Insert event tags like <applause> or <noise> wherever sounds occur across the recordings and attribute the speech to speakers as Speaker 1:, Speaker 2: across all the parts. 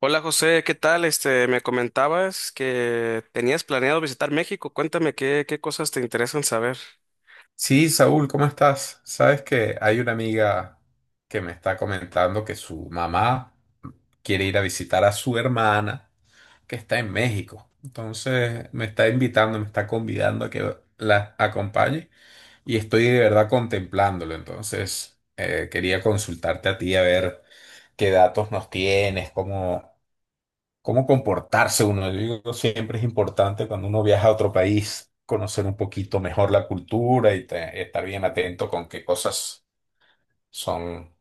Speaker 1: Hola José, ¿qué tal? Me comentabas que tenías planeado visitar México. Cuéntame qué cosas te interesan saber.
Speaker 2: Sí, Saúl, ¿cómo estás? Sabes que hay una amiga que me está comentando que su mamá quiere ir a visitar a su hermana que está en México. Entonces me está invitando, me está convidando a que la acompañe y estoy de verdad contemplándolo. Entonces quería consultarte a ti a ver qué datos nos tienes, cómo comportarse uno. Yo digo, siempre es importante cuando uno viaja a otro país conocer un poquito mejor la cultura y estar bien atento con qué cosas son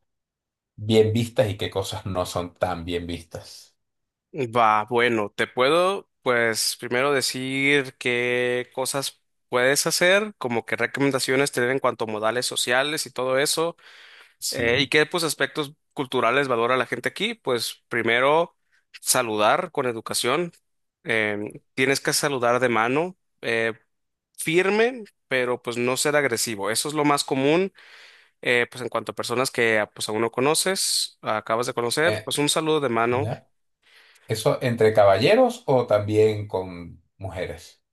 Speaker 2: bien vistas y qué cosas no son tan bien vistas.
Speaker 1: Va, bueno, te puedo, pues, primero decir qué cosas puedes hacer, como qué recomendaciones tener en cuanto a modales sociales y todo eso, y
Speaker 2: Sí.
Speaker 1: qué, pues, aspectos culturales valora la gente aquí. Pues, primero, saludar con educación. Tienes que saludar de mano, eh, firme, pero pues no ser agresivo. Eso es lo más común. Pues en cuanto a personas que pues aún no conoces, acabas de conocer,
Speaker 2: Eh,
Speaker 1: pues un saludo de mano.
Speaker 2: ¿Ya? ¿Eso entre caballeros o también con mujeres?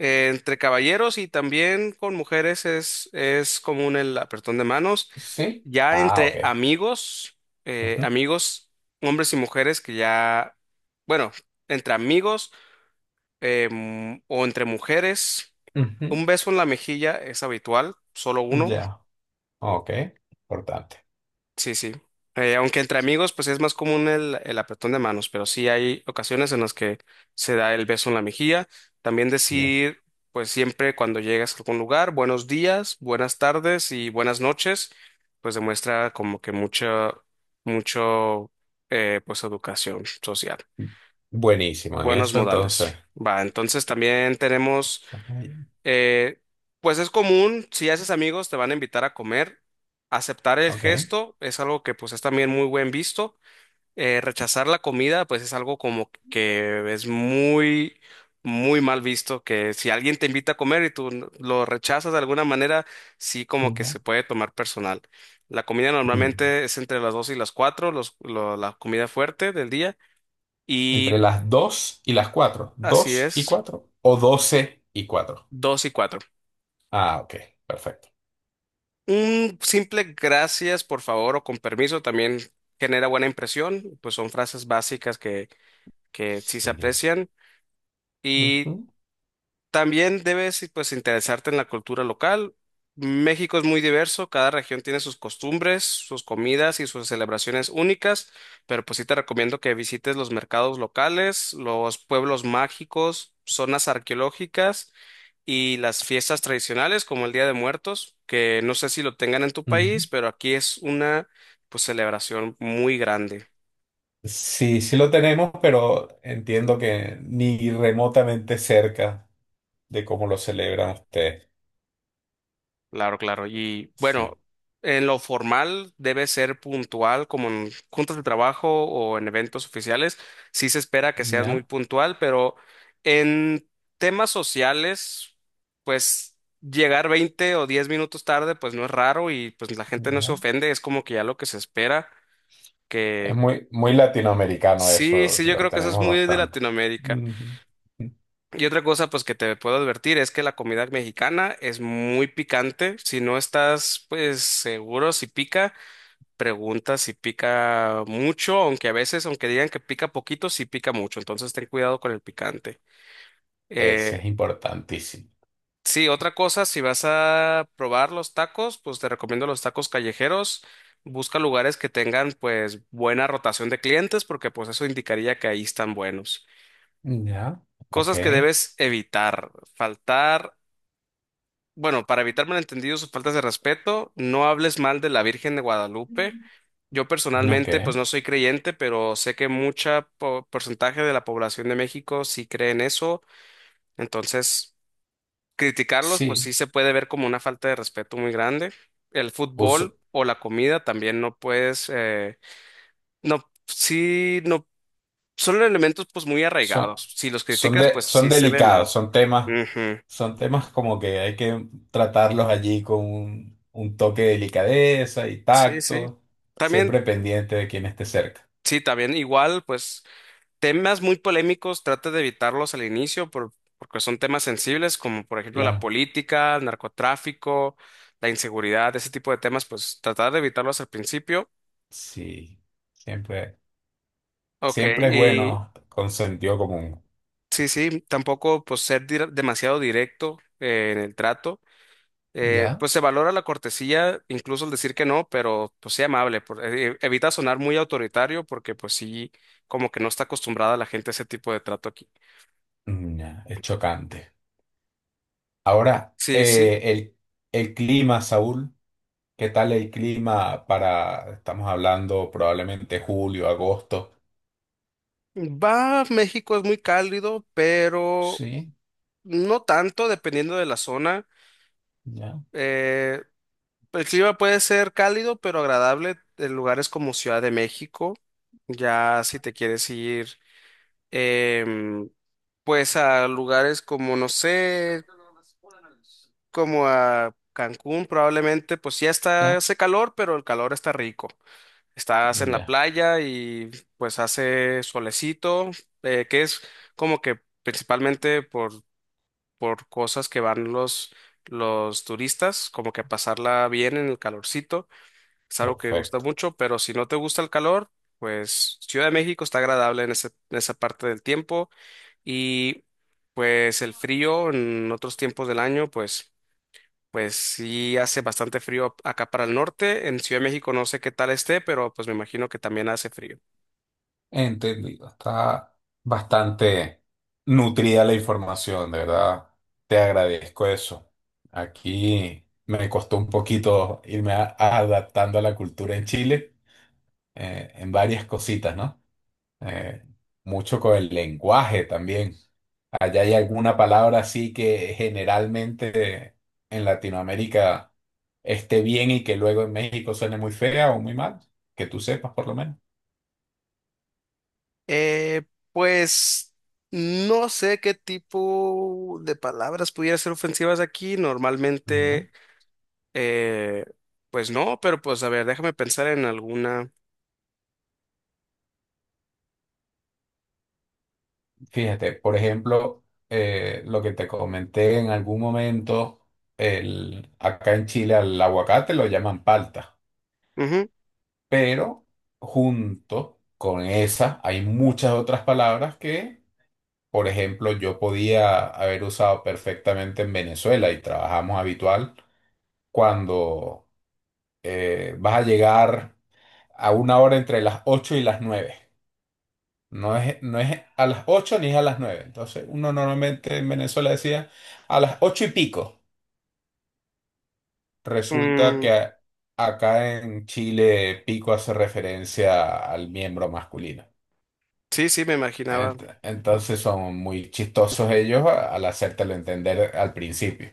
Speaker 1: Entre caballeros y también con mujeres es común el apretón de manos.
Speaker 2: Sí.
Speaker 1: Ya
Speaker 2: Ah, ok.
Speaker 1: entre amigos, eh,
Speaker 2: Ujú,
Speaker 1: amigos, hombres y mujeres que ya, bueno, entre amigos o entre mujeres,
Speaker 2: ujú.
Speaker 1: un beso en la mejilla es habitual, solo uno.
Speaker 2: Ya. Ok. Importante.
Speaker 1: Sí, sí. Aunque entre amigos, pues es más común el apretón de manos, pero sí hay ocasiones en las que se da el beso en la mejilla. También
Speaker 2: Ya.
Speaker 1: decir, pues siempre cuando llegas a algún lugar, buenos días, buenas tardes y buenas noches, pues demuestra como que mucha, mucho, pues educación social,
Speaker 2: Buenísimo en
Speaker 1: buenos
Speaker 2: eso,
Speaker 1: modales.
Speaker 2: entonces.
Speaker 1: Va, entonces también tenemos
Speaker 2: Ajá.
Speaker 1: eh, pues es común, si haces amigos, te van a invitar a comer. Aceptar el
Speaker 2: Ok.
Speaker 1: gesto es algo que pues es también muy buen visto. Rechazar la comida, pues es algo como que es muy, muy mal visto, que si alguien te invita a comer y tú lo rechazas de alguna manera, sí como que
Speaker 2: Ya.
Speaker 1: se puede tomar personal. La comida
Speaker 2: Mm.
Speaker 1: normalmente es entre las 2 y las 4, la comida fuerte del día,
Speaker 2: Entre
Speaker 1: y
Speaker 2: las 2 y las cuatro,
Speaker 1: así
Speaker 2: ¿dos y
Speaker 1: es,
Speaker 2: 4 o 12 y cuatro?
Speaker 1: 2 y 4.
Speaker 2: Ah, ok, perfecto.
Speaker 1: Un simple gracias, por favor, o con permiso también genera buena impresión, pues son frases básicas que sí se
Speaker 2: Sí.
Speaker 1: aprecian. Y
Speaker 2: Ujú.
Speaker 1: también debes pues interesarte en la cultura local. México es muy diverso, cada región tiene sus costumbres, sus comidas y sus celebraciones únicas, pero pues sí te recomiendo que visites los mercados locales, los pueblos mágicos, zonas arqueológicas y las fiestas tradicionales como el Día de Muertos, que no sé si lo tengan en tu país,
Speaker 2: Ujú.
Speaker 1: pero aquí es una pues celebración muy grande.
Speaker 2: Sí, sí lo tenemos, pero entiendo que ni remotamente cerca de cómo lo celebran ustedes.
Speaker 1: Claro, claro. Y
Speaker 2: Sí.
Speaker 1: bueno, en lo formal debe ser puntual, como en juntas de trabajo o en eventos oficiales. Sí se espera que seas muy
Speaker 2: Ya,
Speaker 1: puntual, pero en temas sociales, pues llegar 20 o 10 minutos tarde, pues no es raro y pues la gente no se
Speaker 2: ya.
Speaker 1: ofende, es como que ya lo que se espera,
Speaker 2: Es
Speaker 1: que
Speaker 2: muy, muy latinoamericano
Speaker 1: sí,
Speaker 2: eso,
Speaker 1: sí, yo
Speaker 2: lo
Speaker 1: creo que eso es
Speaker 2: tenemos
Speaker 1: muy de
Speaker 2: bastante.
Speaker 1: Latinoamérica.
Speaker 2: Ujú.
Speaker 1: Y otra cosa, pues que te puedo advertir es que la comida mexicana es muy picante. Si no estás, pues seguro si pica, pregunta si pica mucho, aunque a veces, aunque digan que pica poquito, sí pica mucho. Entonces ten cuidado con el picante.
Speaker 2: Ese
Speaker 1: Eh,
Speaker 2: es importantísimo.
Speaker 1: sí, otra cosa, si vas a probar los tacos, pues te recomiendo los tacos callejeros. Busca lugares que tengan, pues, buena rotación de clientes, porque pues eso indicaría que ahí están buenos.
Speaker 2: Ya, ok.
Speaker 1: Cosas que debes evitar. Faltar Bueno, para evitar malentendidos o faltas de respeto, no hables mal de la Virgen de Guadalupe. Yo
Speaker 2: Ok,
Speaker 1: personalmente, pues no soy creyente, pero sé que porcentaje de la población de México sí cree en eso. Entonces, criticarlos, pues
Speaker 2: sí.
Speaker 1: sí se puede ver como una falta de respeto muy grande. El fútbol
Speaker 2: Usu-
Speaker 1: o la comida también no puedes, no, sí, no, son elementos pues muy
Speaker 2: Son,
Speaker 1: arraigados. Si los
Speaker 2: son,
Speaker 1: criticas,
Speaker 2: de,
Speaker 1: pues
Speaker 2: son
Speaker 1: sí se ve mal.
Speaker 2: delicados,
Speaker 1: Ujú.
Speaker 2: son temas como que hay que tratarlos allí con un toque de delicadeza y
Speaker 1: Sí, sí.
Speaker 2: tacto,
Speaker 1: También,
Speaker 2: siempre pendiente de quien esté cerca.
Speaker 1: sí, también igual, pues, temas muy polémicos, trata de evitarlos al inicio porque son temas sensibles, como por ejemplo la
Speaker 2: Claro.
Speaker 1: política, el narcotráfico, la inseguridad, ese tipo de temas, pues tratar de evitarlos al principio.
Speaker 2: Sí, siempre,
Speaker 1: Ok.
Speaker 2: siempre es
Speaker 1: Y
Speaker 2: bueno con sentido común.
Speaker 1: sí, sí, tampoco pues ser demasiado directo en el trato. Eh,
Speaker 2: ¿Ya?
Speaker 1: pues se valora la cortesía, incluso el decir que no, pero pues sea amable, evita sonar muy autoritario porque pues sí, como que no está acostumbrada la gente a ese tipo de trato aquí.
Speaker 2: Mm, ya, es chocante. Ahora,
Speaker 1: Sí, sí.
Speaker 2: el clima, Saúl, ¿qué tal el clima para, estamos hablando probablemente julio, agosto?
Speaker 1: Va, México es muy cálido, pero
Speaker 2: Sí,
Speaker 1: no tanto, dependiendo de la zona.
Speaker 2: ya.
Speaker 1: Eh, el clima puede ser cálido, pero agradable en lugares como Ciudad de México. Ya si te quieres ir, em, pues a lugares como, no sé, como a Cancún, probablemente, pues ya está,
Speaker 2: Ya,
Speaker 1: hace calor, pero el calor está rico. Estás en la
Speaker 2: ya,
Speaker 1: playa y pues hace solecito, que es como que principalmente por cosas que van los turistas, como que a pasarla bien en el calorcito. Es algo que gusta
Speaker 2: perfecto.
Speaker 1: mucho, pero si no te gusta el calor, pues Ciudad de México está agradable en esa parte del tiempo y pues el frío en otros tiempos del año, pues... Pues sí hace bastante frío acá para el norte. En Ciudad de México no sé qué tal esté, pero pues me imagino que también hace frío.
Speaker 2: Entendido. Está bastante nutrida la información, de verdad. Te agradezco eso. Aquí me costó un poquito adaptando a la cultura en Chile, en varias cositas, ¿no? Eh, mucho con el lenguaje también. Allá hay alguna palabra así que generalmente en Latinoamérica esté bien y que luego en México suene muy fea o muy mal, que tú sepas por lo menos.
Speaker 1: Eh, pues no sé qué tipo de palabras pudiera ser ofensivas aquí.
Speaker 2: No.
Speaker 1: Normalmente, eh, pues no, pero pues a ver, déjame pensar en alguna.
Speaker 2: Fíjate, por ejemplo, lo que te comenté en algún momento, acá en Chile al aguacate lo llaman palta,
Speaker 1: Ujú,
Speaker 2: pero junto con esa hay muchas otras palabras que, por ejemplo, yo podía haber usado perfectamente en Venezuela y trabajamos habitual cuando vas a llegar a una hora entre las 8 y las nueve. No es a las 8 ni es a las nueve. Entonces, uno normalmente en Venezuela decía a las 8 y pico. Resulta que
Speaker 1: mm,
Speaker 2: acá en Chile pico hace referencia al miembro masculino.
Speaker 1: sí, sí, me imaginaba.
Speaker 2: Entonces son muy chistosos ellos al hacértelo entender al principio.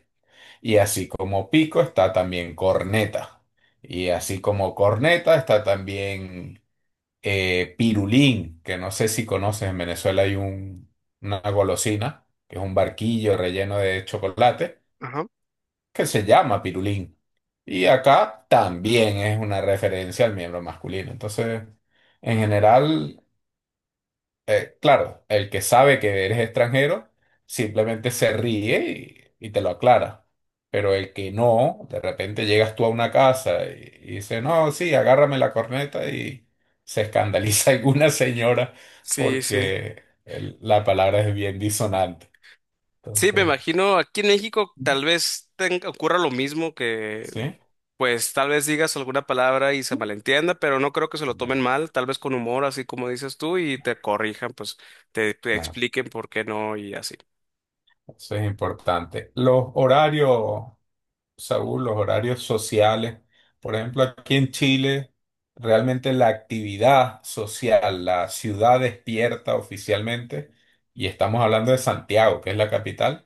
Speaker 2: Y así como pico está también corneta. Y así como corneta está también pirulín, que no sé si conoces, en Venezuela hay una golosina, que es un barquillo relleno de chocolate,
Speaker 1: Ajá.
Speaker 2: que se llama pirulín. Y acá también es una referencia al miembro masculino. Entonces, en general, claro, el que sabe que eres extranjero simplemente se ríe y te lo aclara. Pero el que no, de repente llegas tú a una casa y dice, no, sí, agárrame la corneta y se escandaliza <laughs> alguna señora
Speaker 1: Sí, sí.
Speaker 2: porque la palabra es bien disonante.
Speaker 1: Sí, me
Speaker 2: Entonces.
Speaker 1: imagino aquí en México
Speaker 2: Ujú.
Speaker 1: tal vez ocurra lo mismo, que
Speaker 2: ¿Sí?
Speaker 1: pues tal vez digas alguna palabra y se malentienda, pero no creo que se lo tomen
Speaker 2: Ya,
Speaker 1: mal, tal vez con humor, así como dices tú, y te corrijan, pues te
Speaker 2: claro,
Speaker 1: expliquen por qué no y así.
Speaker 2: eso es importante. Los horarios. Saúl, los horarios sociales. Por ejemplo, aquí en Chile, realmente la actividad social, la ciudad despierta oficialmente, y estamos hablando de Santiago, que es la capital,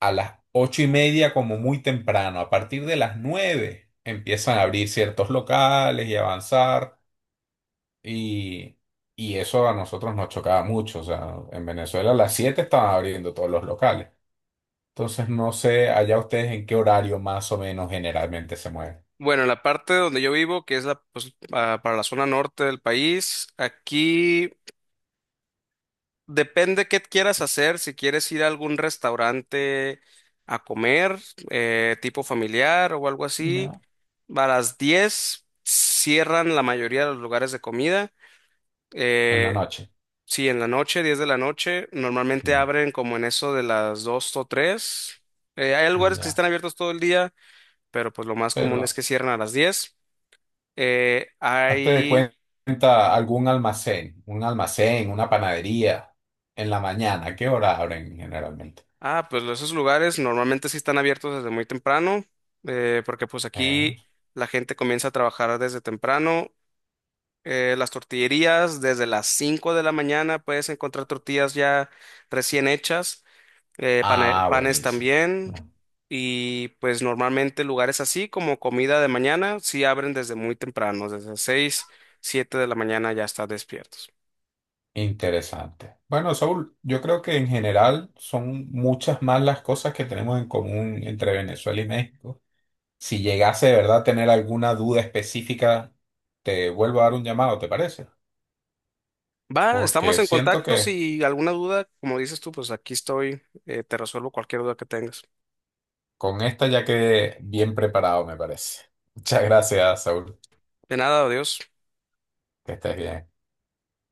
Speaker 2: a las 8:30 como muy temprano. A partir de las nueve empiezan a abrir ciertos locales y avanzar, y, y eso a nosotros nos chocaba mucho. O sea, en Venezuela a las siete estaban abriendo todos los locales. Entonces, no sé allá ustedes en qué horario más o menos generalmente se mueven.
Speaker 1: Bueno, en la parte donde yo vivo, que es la, pues, para la zona norte del país, aquí depende qué quieras hacer, si quieres ir a algún restaurante a comer, tipo familiar o algo así,
Speaker 2: Ya.
Speaker 1: a las 10 cierran la mayoría de los lugares de comida.
Speaker 2: En la
Speaker 1: Eh,
Speaker 2: noche.
Speaker 1: Sí, en la noche, 10 de la noche, normalmente
Speaker 2: Ya.
Speaker 1: abren como en eso de las 2 o 3. Hay lugares que sí
Speaker 2: Ya.
Speaker 1: están abiertos todo el día, pero pues lo más común
Speaker 2: Pero
Speaker 1: es que cierran a las 10. Eh,
Speaker 2: hazte de
Speaker 1: hay,
Speaker 2: cuenta algún almacén, un almacén, una panadería en la mañana. ¿A ¿Qué hora abren generalmente?
Speaker 1: ah, pues esos lugares normalmente sí están abiertos desde muy temprano, porque pues
Speaker 2: Eh,
Speaker 1: aquí la gente comienza a trabajar desde temprano. Las tortillerías, desde las 5 de la mañana puedes encontrar tortillas ya recién hechas. Pane-
Speaker 2: Ah,
Speaker 1: panes
Speaker 2: buenísimo.
Speaker 1: también.
Speaker 2: Ya.
Speaker 1: Y pues normalmente lugares así como comida de mañana sí abren desde muy temprano, desde las 6 7 de la mañana ya están despiertos.
Speaker 2: Interesante. Bueno, Saúl, yo creo que en general son muchas más las cosas que tenemos en común entre Venezuela y México. Si llegase de verdad a tener alguna duda específica, te vuelvo a dar un llamado, ¿te parece?
Speaker 1: Va, estamos
Speaker 2: Porque
Speaker 1: en
Speaker 2: siento
Speaker 1: contacto.
Speaker 2: que
Speaker 1: Si alguna duda, como dices tú, pues aquí estoy, te resuelvo cualquier duda que tengas.
Speaker 2: con esta ya quedé bien preparado, me parece. Muchas gracias, Saúl.
Speaker 1: De nada, adiós.
Speaker 2: Que estés bien.